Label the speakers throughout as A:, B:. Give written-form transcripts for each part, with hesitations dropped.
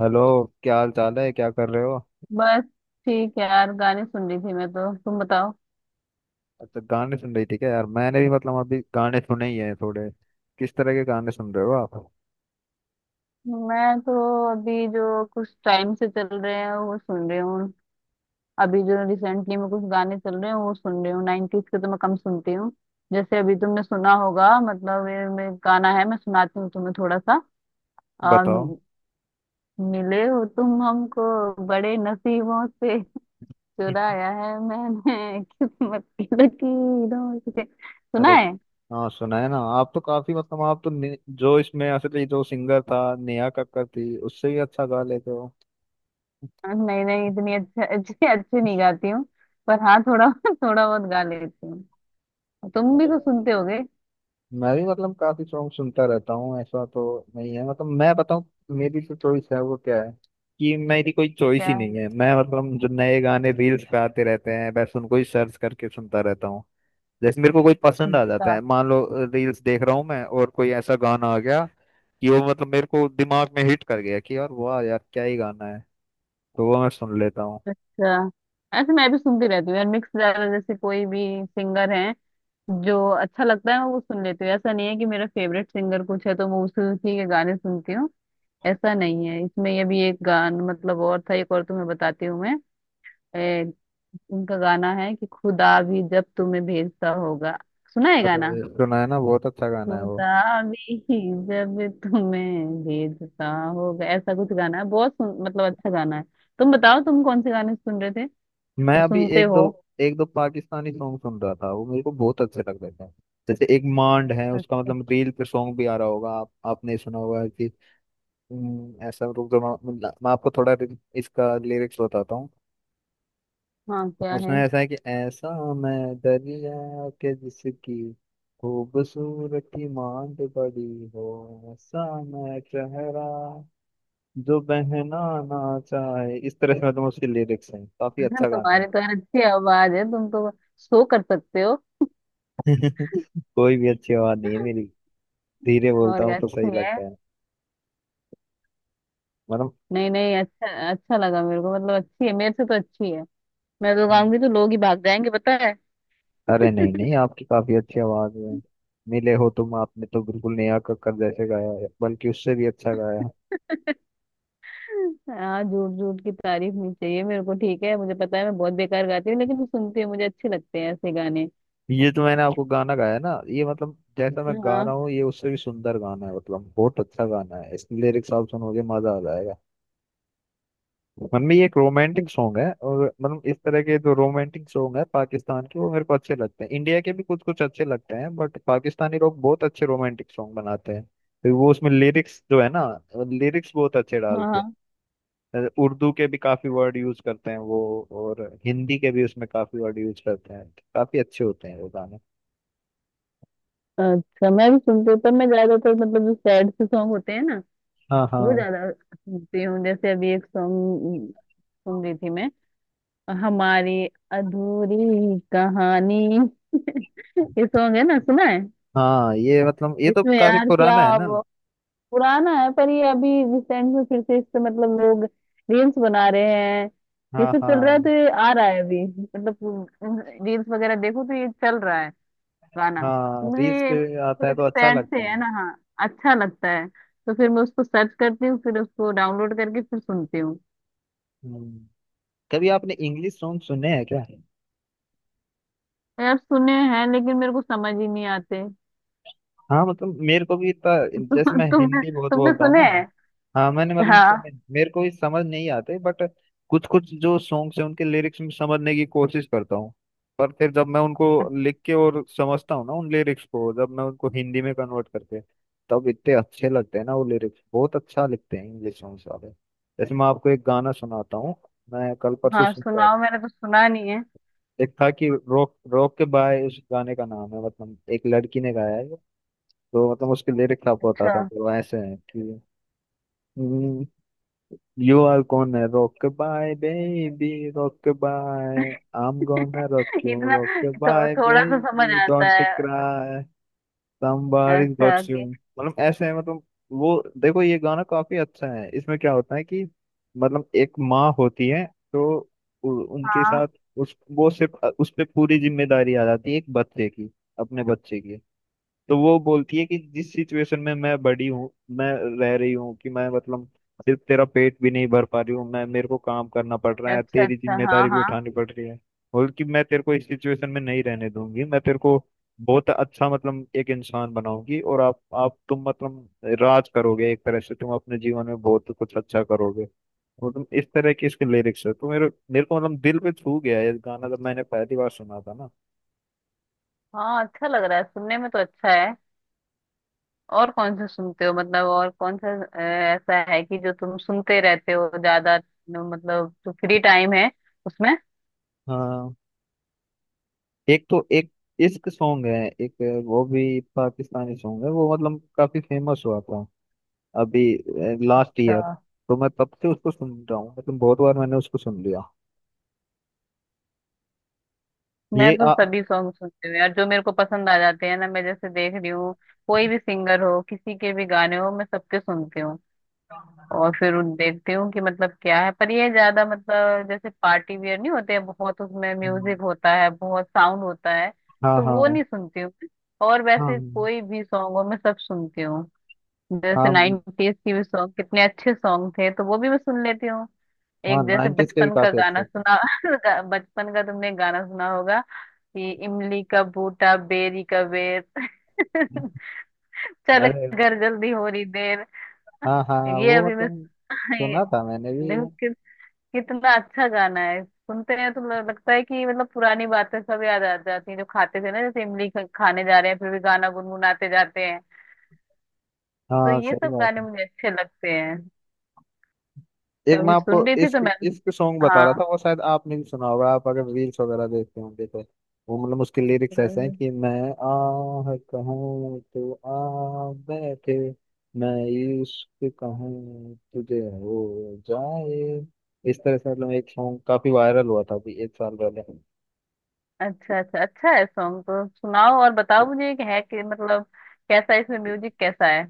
A: Hello. क्या हाल चाल है, क्या कर रहे हो।
B: बस ठीक है यार, गाने सुन रही थी मैं तो। तुम बताओ।
A: अच्छा, गाने सुन रही थी क्या यार। मैंने भी मतलब अभी गाने सुने ही हैं थोड़े। किस तरह के गाने सुन रहे हो आप।
B: मैं तो अभी जो कुछ टाइम से चल रहे हैं वो सुन रही हूँ। अभी जो रिसेंटली में कुछ गाने चल रहे हैं वो सुन रही हूँ। 90s के तो मैं कम सुनती हूँ। जैसे अभी तुमने सुना होगा, मतलब ये मैं गाना है, मैं सुनाती हूँ तुम्हें थोड़ा सा। आ,
A: बताओ।
B: मिले हो तुम हमको, बड़े नसीबों से,
A: हम्म।
B: चुराया है मैंने किस्मत की लकीरों से। सुना
A: अरे
B: है।
A: हाँ, सुना है ना। आप तो काफी मतलब आप तो जो इसमें असली जो सिंगर था, नेहा कक्कड़ थी, उससे भी अच्छा गा लेते हो।
B: नहीं नहीं, इतनी अच्छा अच्छी अच्छी नहीं गाती हूँ, पर हाँ थोड़ा थोड़ा बहुत गा लेती हूँ। तुम भी
A: अरे
B: तो सुनते होगे।
A: मैं भी मतलब काफी सॉन्ग सुनता रहता हूँ ऐसा तो नहीं है। मतलब मैं बताऊँ, मेरी जो चॉइस है वो क्या है कि मेरी कोई चॉइस
B: क्या
A: ही नहीं
B: है?
A: है। मैं मतलब जो नए गाने रील्स पे आते रहते हैं बस उनको ही सर्च करके सुनता रहता हूँ। जैसे मेरे को कोई पसंद आ जाता
B: अच्छा,
A: है, मान लो रील्स देख रहा हूँ मैं और कोई ऐसा गाना आ गया कि वो मतलब मेरे को दिमाग में हिट कर गया कि यार वाह यार क्या ही गाना है, तो वो मैं सुन लेता हूँ।
B: अच्छा। ऐसे मैं भी सुनती रहती हूँ यार, मिक्स ज्यादा। जैसे कोई भी सिंगर है जो अच्छा लगता है मैं वो सुन लेती हूँ। ऐसा नहीं है कि मेरा फेवरेट सिंगर कुछ है तो मैं उसी उसी के गाने सुनती हूँ। ऐसा नहीं है। इसमें ये भी एक गान मतलब और था, एक और तुम्हें बताती हूँ मैं। ए, उनका गाना है कि खुदा भी जब तुम्हें भेजता होगा। सुना है
A: और
B: गाना?
A: सुना है ना, बहुत अच्छा गाना है वो।
B: खुदा भी जब तुम्हें भेजता होगा, ऐसा कुछ गाना है। बहुत मतलब अच्छा गाना है। तुम बताओ, तुम कौन से गाने सुन रहे थे
A: मैं
B: या
A: अभी
B: सुनते
A: एक दो
B: हो?
A: एक दो पाकिस्तानी सॉन्ग सुन रहा था, वो मेरे को बहुत अच्छे लग रहे थे। जैसे एक मांड है उसका,
B: अच्छा।
A: मतलब रील पे सॉन्ग भी आ रहा होगा, आप आपने सुना होगा कि ऐसा रुक जाओ, मैं आपको थोड़ा इसका लिरिक्स बताता हूँ।
B: हाँ, क्या है?
A: उसमें ऐसा है कि ऐसा मैं दरिया के जिसकी खूबसूरती मांड बड़ी हो, ऐसा मैं चेहरा जो बहना ना चाहे, इस तरह से मतलब उसके लिरिक्स हैं, काफी अच्छा गाना है।
B: तुम्हारी तो यार अच्छी आवाज है, तुम तो शो कर सकते हो।
A: कोई भी अच्छी आवाज नहीं है मेरी, धीरे बोलता
B: और क्या,
A: हूँ तो सही
B: अच्छी है।
A: लगता है। मतलब
B: नहीं नहीं, अच्छा अच्छा लगा मेरे को, मतलब अच्छी है, मेरे से तो अच्छी है। मैं तो गाऊंगी तो लोग ही भाग जाएंगे, पता है।
A: अरे नहीं नहीं, आपकी काफी अच्छी आवाज है। मिले हो तुम, आपने तो बिल्कुल नेहा कक्कड़ जैसे गाया है, बल्कि उससे भी अच्छा गाया है।
B: हाँ, झूठ झूठ की तारीफ नहीं चाहिए मेरे को, ठीक है। मुझे पता है मैं बहुत बेकार गाती हूँ, लेकिन सुनती हूँ, मुझे अच्छे लगते हैं ऐसे गाने।
A: ये जो मैंने आपको गाना गाया ना, ये मतलब जैसा मैं गा
B: हाँ।
A: रहा हूँ, ये उससे भी सुंदर गाना है। मतलब बहुत अच्छा गाना है, इसके लिरिक्स आप सुनोगे मजा आ जाएगा। मतलब ये एक रोमांटिक सॉन्ग है, और मतलब इस तरह के जो रोमांटिक सॉन्ग है पाकिस्तान के, वो मेरे को अच्छे लगते हैं। इंडिया के भी कुछ कुछ अच्छे लगते हैं बट पाकिस्तानी लोग बहुत अच्छे रोमांटिक सॉन्ग बनाते हैं, तो वो उसमें लिरिक्स जो है ना, लिरिक्स बहुत अच्छे डालते
B: हाँ।
A: हैं। उर्दू के भी काफी वर्ड यूज करते हैं वो, और हिंदी के भी उसमें काफी वर्ड यूज करते हैं। काफी अच्छे होते हैं वो गाने।
B: अच्छा, मैं भी सुनती हूँ, पर मैं ज्यादातर, मतलब जो सैड से सॉन्ग होते हैं ना
A: हाँ
B: वो
A: हाँ।
B: ज्यादा सुनती हूँ। जैसे अभी एक सॉन्ग सुन रही थी मैं, हमारी अधूरी कहानी। ये सॉन्ग है ना, सुना है।
A: हाँ ये मतलब ये तो
B: इसमें
A: काफी
B: यार क्या,
A: पुराना है
B: अब
A: ना।
B: पुराना है पर ये अभी रिसेंट में फिर से इससे मतलब लोग रील्स बना रहे हैं, ये
A: हाँ
B: सब चल रहा
A: हाँ।
B: है, तो ये आ रहा है अभी, मतलब रील्स वगैरह देखो तो ये चल रहा है गाना। तो
A: हाँ,
B: मुझे
A: रील्स
B: ये
A: पे आता है
B: थोड़े
A: तो
B: से
A: अच्छा
B: सैड से
A: लगता है।
B: है ना, हाँ अच्छा लगता है। तो फिर मैं उसको सर्च करती हूँ, फिर उसको डाउनलोड करके फिर सुनती हूँ।
A: हम्म कभी आपने इंग्लिश सॉन्ग सुने हैं क्या।
B: यार सुने हैं, लेकिन मेरे को समझ ही नहीं आते।
A: हाँ मतलब मेरे को भी इतना,
B: तु,
A: जैसे मैं
B: तुमने
A: हिंदी बहुत
B: तुमने
A: बोलता हूँ ना।
B: सुने हैं।
A: हाँ, मैंने मतलब
B: हाँ,
A: सुने, मेरे को भी समझ नहीं आते बट कुछ कुछ जो सॉन्ग्स हैं उनके लिरिक्स में समझने की कोशिश करता हूँ। पर फिर जब मैं उनको लिख के और समझता हूँ ना उन लिरिक्स को, जब मैं उनको हिंदी में कन्वर्ट करके, तब इतने अच्छे लगते हैं ना। वो लिरिक्स बहुत अच्छा लिखते हैं इंग्लिश सॉन्ग्स वाले। जैसे मैं आपको एक गाना सुनाता हूँ, मैं कल परसों
B: हाँ,
A: सुनता
B: सुनाओ, मैंने तो सुना नहीं है।
A: एक था कि रोक रोक के बाय, उस गाने का नाम है। मतलब एक लड़की ने गाया है ये। तो मतलब उसके लिरिक्स आपको
B: अच्छा।
A: बताता हूँ, तो वो ऐसे है कि यू आर कौन है rock bye baby, rock bye, I am gonna rock you,
B: इतना
A: रोक बाय
B: थोड़ा सा समझ
A: बेबी
B: आता
A: डोंट
B: है।
A: क्राई, somebody's got
B: अच्छा
A: you।
B: कि।
A: मतलब ऐसे है मतलब, वो देखो ये गाना काफी अच्छा है, इसमें क्या होता है कि मतलब एक माँ होती है तो उनके
B: हाँ।
A: साथ उस वो सिर्फ उस पे पूरी जिम्मेदारी आ जाती है एक बच्चे की, अपने बच्चे की। तो वो बोलती है कि जिस सिचुएशन में मैं बड़ी हूँ, मैं रह रही हूँ कि मैं मतलब सिर्फ तेरा पेट भी नहीं भर पा रही हूँ मैं, मेरे को काम करना पड़ रहा है,
B: अच्छा,
A: तेरी
B: अच्छा, हाँ
A: जिम्मेदारी भी
B: हाँ।
A: उठानी पड़ रही है। बोल कि मैं तेरे को इस सिचुएशन में नहीं रहने दूंगी, मैं तेरे को बहुत अच्छा मतलब एक इंसान बनाऊंगी, और आप तुम मतलब राज करोगे एक तरह से, तुम अपने जीवन में बहुत कुछ अच्छा करोगे। मतलब इस तरह के इसके लिरिक्स है, तो मेरे मेरे को मतलब दिल पे छू गया ये गाना जब मैंने पहली बार सुना था ना।
B: हाँ, अच्छा लग रहा है, सुनने में तो अच्छा है। और कौन से सुनते हो, मतलब और कौन सा ऐसा है कि जो तुम सुनते रहते हो ज्यादा, मतलब जो फ्री टाइम है उसमें।
A: हाँ एक तो एक इश्क सॉन्ग है एक, वो भी पाकिस्तानी सॉन्ग है वो, मतलब काफी फेमस हुआ था अभी लास्ट
B: अच्छा,
A: ईयर। तो मैं तब से उसको सुन रहा हूँ, मतलब बहुत बार मैंने उसको सुन लिया।
B: मैं
A: ये
B: तो
A: आ,
B: सभी सॉन्ग सुनती हूँ यार, जो मेरे को पसंद आ जाते हैं ना मैं जैसे देख रही हूँ। कोई भी सिंगर हो, किसी के भी गाने हो, मैं सबके सुनती हूँ, और फिर देखती हूँ कि मतलब क्या है, पर ये ज्यादा मतलब जैसे पार्टी वियर नहीं होते हैं, बहुत उसमें
A: हम्म,
B: म्यूजिक होता है, बहुत साउंड होता है,
A: हाँ
B: तो वो
A: हाँ।
B: नहीं सुनती हूँ मैं। और
A: हाँ
B: वैसे कोई भी सॉन्ग हो मैं सब सुनती हूँ। जैसे
A: हाँ।
B: नाइनटीज की भी सॉन्ग, कितने अच्छे सॉन्ग थे तो वो भी मैं सुन लेती हूँ।
A: हाँ
B: एक जैसे
A: नाइनटीज के भी
B: बचपन का
A: काफी
B: गाना
A: अच्छे थे।
B: सुना। बचपन का तुमने गाना सुना होगा कि इमली का बूटा बेरी का बेर। चल
A: अरे
B: घर जल्दी हो रही देर।
A: हाँ हाँ
B: ये
A: वो
B: अभी मैं
A: मतलब
B: ये
A: सुना था मैंने भी।
B: देखो कि कितना अच्छा गाना है, सुनते हैं तो लगता है कि मतलब पुरानी बातें सब याद आ जाती हैं, जो खाते थे ना जैसे इमली खाने जा रहे हैं फिर भी गाना गुनगुनाते जाते हैं। तो
A: हाँ
B: ये
A: सही
B: सब गाने
A: बात।
B: मुझे अच्छे लगते हैं। तो
A: एक मैं
B: अभी
A: आपको
B: सुन रही थी तो
A: इश्क
B: मैं।
A: इश्क सॉन्ग बता
B: हाँ
A: रहा था, वो शायद आपने भी सुना होगा, आप अगर रील्स वगैरह देखते होंगे तो। वो मतलब उसके लिरिक्स ऐसे हैं
B: हाँ।
A: कि मैं आह कहूँ तो आ बैठे, मैं इश्क कहूँ तुझे हो जाए, इस तरह से। मतलब एक सॉन्ग काफी वायरल हुआ था अभी एक साल पहले।
B: अच्छा अच्छा, अच्छा है सॉन्ग, तो सुनाओ और बताओ मुझे कि है कि मतलब कैसा है, इसमें म्यूजिक कैसा है,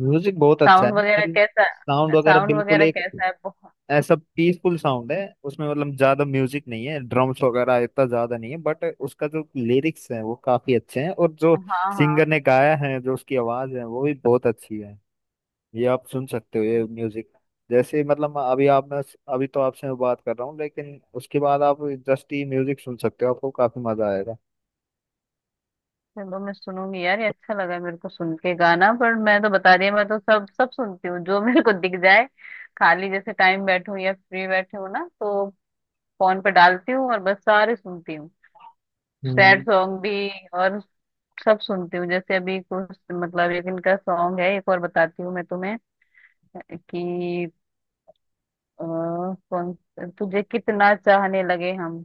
A: म्यूजिक बहुत अच्छा
B: साउंड
A: है
B: वगैरह
A: पर
B: कैसा,
A: साउंड वगैरह
B: साउंड
A: बिल्कुल
B: वगैरह
A: एक
B: कैसा है, बहुत।
A: ऐसा पीसफुल साउंड है उसमें, मतलब ज्यादा म्यूजिक नहीं है, ड्रम्स वगैरह इतना ज्यादा नहीं है बट उसका जो लिरिक्स है वो काफी अच्छे हैं, और जो
B: हाँ हाँ।
A: सिंगर ने गाया है जो उसकी आवाज है वो भी बहुत अच्छी है। ये आप सुन सकते हो ये म्यूजिक, जैसे मतलब अभी आप, मैं अभी तो आपसे मैं बात कर रहा हूँ लेकिन उसके बाद आप जस्ट ये म्यूजिक सुन सकते हो, आपको काफी मजा आएगा।
B: चलो मैं सुनूंगी यार, ये अच्छा लगा मेरे को सुन के गाना, पर मैं तो बता रही हूँ, मैं तो सब सब सुनती हूँ जो मेरे को दिख जाए। खाली जैसे टाइम बैठूं या फ्री बैठे हूँ ना तो फोन पे डालती हूँ और बस सारे सुनती हूँ। Sad
A: hmm.
B: सॉन्ग भी, और सब सुनती हूँ। जैसे अभी कुछ मतलब एक इनका सॉन्ग है, एक और बताती हूँ मैं तुम्हें कि अ, कौन तुझे कितना चाहने लगे हम।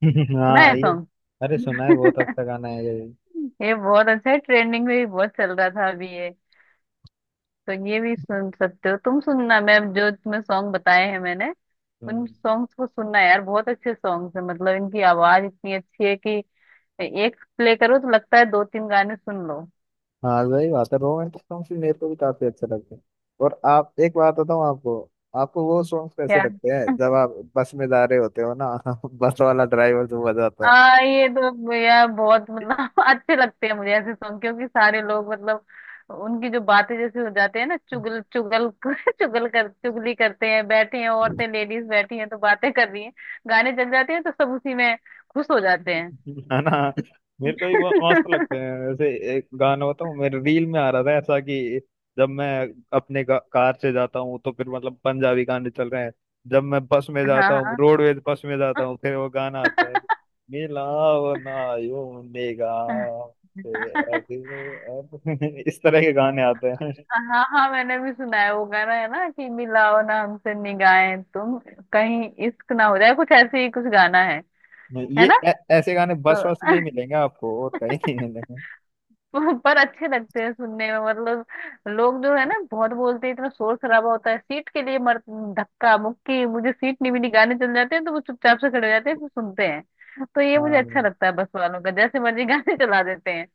B: सुना
A: हाँ
B: है
A: ये
B: सॉन्ग?
A: अरे सुना है, बहुत अच्छा गाना है ये।
B: ये बहुत अच्छा है, ट्रेंडिंग में भी बहुत चल रहा था अभी ये। तो ये भी सुन सकते हो तुम, सुनना, मैं जो तुम्हें सॉन्ग बताए हैं मैंने, उन
A: हम्म,
B: सॉन्ग्स को सुनना यार, बहुत अच्छे सॉन्ग्स है, मतलब इनकी आवाज इतनी अच्छी है कि एक प्ले करो तो लगता है दो तीन गाने सुन लो।
A: हाँ सही बात है, रोमांटिक सॉन्ग्स भी मेरे को भी काफी अच्छे लगते हैं। और आप एक बात बताऊँ आपको, आपको वो सॉन्ग्स कैसे
B: क्या?
A: लगते हैं जब आप बस में जा रहे होते हो ना। बस वाला ड्राइवर जो बजाता
B: ये तो यार बहुत
A: है।
B: मतलब अच्छे लगते हैं मुझे ऐसे सॉन्ग, क्योंकि सारे लोग मतलब उनकी जो बातें जैसे हो जाते हैं ना, चुगल चुगल चुगल कर चुगली करते हैं, बैठे हैं औरतें, लेडीज बैठी हैं तो बातें कर रही हैं, गाने चल जाते हैं तो सब उसी में खुश हो जाते हैं।
A: है ना। मेरे को भी बहुत मस्त लगते हैं वैसे। एक गाना बताऊं, मेरे रील में आ रहा था ऐसा कि जब मैं अपने कार से जाता हूँ तो फिर मतलब पंजाबी गाने चल रहे हैं, जब मैं बस में जाता हूँ,
B: हाँ
A: रोडवेज बस में जाता हूँ फिर वो गाना आता है, मिलाओ ना यूं
B: हाँ।
A: निगाह से। इस तरह के गाने आते हैं।
B: हाँ, हाँ, मैंने भी सुना है, वो गाना है ना कि मिलाओ ना हमसे निगाहें तुम, कहीं इश्क ना हो जाए, कुछ ऐसे ही कुछ गाना है
A: ये
B: है ना?
A: ऐ- ऐसे गाने बस
B: तो
A: बस में ही मिलेंगे आपको, और कहीं नहीं मिलेंगे।
B: पर अच्छे लगते हैं सुनने में, मतलब लोग जो है ना बहुत बोलते हैं, इतना शोर शराबा होता है, सीट के लिए मर, धक्का मुक्की, मुझे सीट नहीं मिली, गाने चल जाते हैं तो वो चुपचाप से खड़े हो जाते हैं फिर सुनते हैं, तो ये मुझे अच्छा
A: हाँ।
B: लगता है बस वालों का जैसे मर्जी गाने चला देते हैं।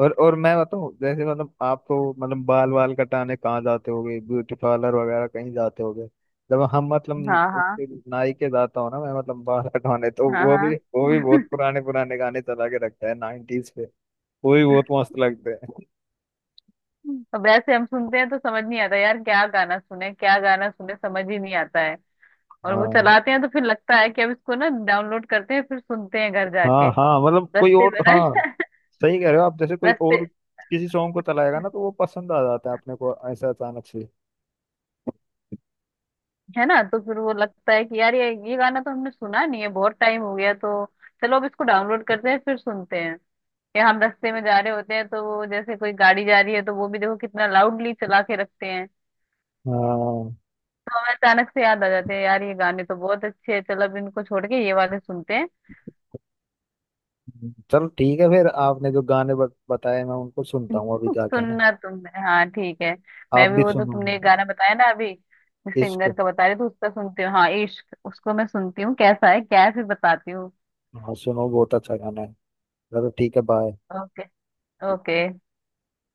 A: और मैं बताऊं, जैसे मतलब आप तो मतलब बाल वाल कटाने कहाँ जाते होगे, ब्यूटी पार्लर वगैरह कहीं जाते होगे। जब हम मतलब
B: हाँ हाँ,
A: उसके नाई के जाता हूँ ना मैं, मतलब बाल कटवाने, तो
B: हाँ
A: वो भी
B: हाँ।
A: वो भी बहुत पुराने पुराने गाने चला के रखता है 90s पे। वो भी बहुत मस्त लगते हैं।
B: तो वैसे हम सुनते हैं तो समझ नहीं आता यार, क्या गाना सुने क्या गाना सुने, समझ ही नहीं आता है। और वो
A: हाँ
B: चलाते हैं तो फिर लगता है कि अब इसको ना डाउनलोड करते हैं, फिर सुनते हैं घर जाके।
A: हाँ। हाँ मतलब कोई
B: रस्ते
A: और।
B: में
A: हाँ सही कह रहे हो आप, जैसे कोई और
B: रस्ते
A: किसी सॉन्ग को चलाएगा ना, तो वो पसंद आ जाता है अपने को ऐसा अचानक से।
B: है ना, तो फिर वो लगता है कि यार ये गाना तो हमने सुना नहीं है, बहुत टाइम हो गया, तो चलो अब इसको डाउनलोड करते हैं फिर सुनते हैं। या हम रास्ते में जा रहे होते हैं, तो वो जैसे कोई गाड़ी जा रही है तो वो भी देखो कितना लाउडली चला के रखते हैं,
A: हाँ
B: तो हमें अचानक से याद आ जाते हैं यार ये गाने तो बहुत अच्छे हैं, चलो अब इनको छोड़ के ये वाले सुनते हैं।
A: चलो ठीक है, फिर आपने जो गाने बताए मैं उनको सुनता हूँ अभी जाके, है ना।
B: सुनना तुमने, हाँ ठीक है। मैं
A: आप
B: भी,
A: भी
B: वो तो
A: सुनो।
B: तुमने एक गाना बताया ना अभी, जिस
A: इश्क,
B: सिंगर का बता रहे थे उसका सुनती हूँ, हाँ इश्क, उसको मैं सुनती हूँ कैसा है क्या है, फिर बताती हूँ।
A: हाँ सुनो बहुत अच्छा गाना है। चलो ठीक है, बाय।
B: ओके। ओके।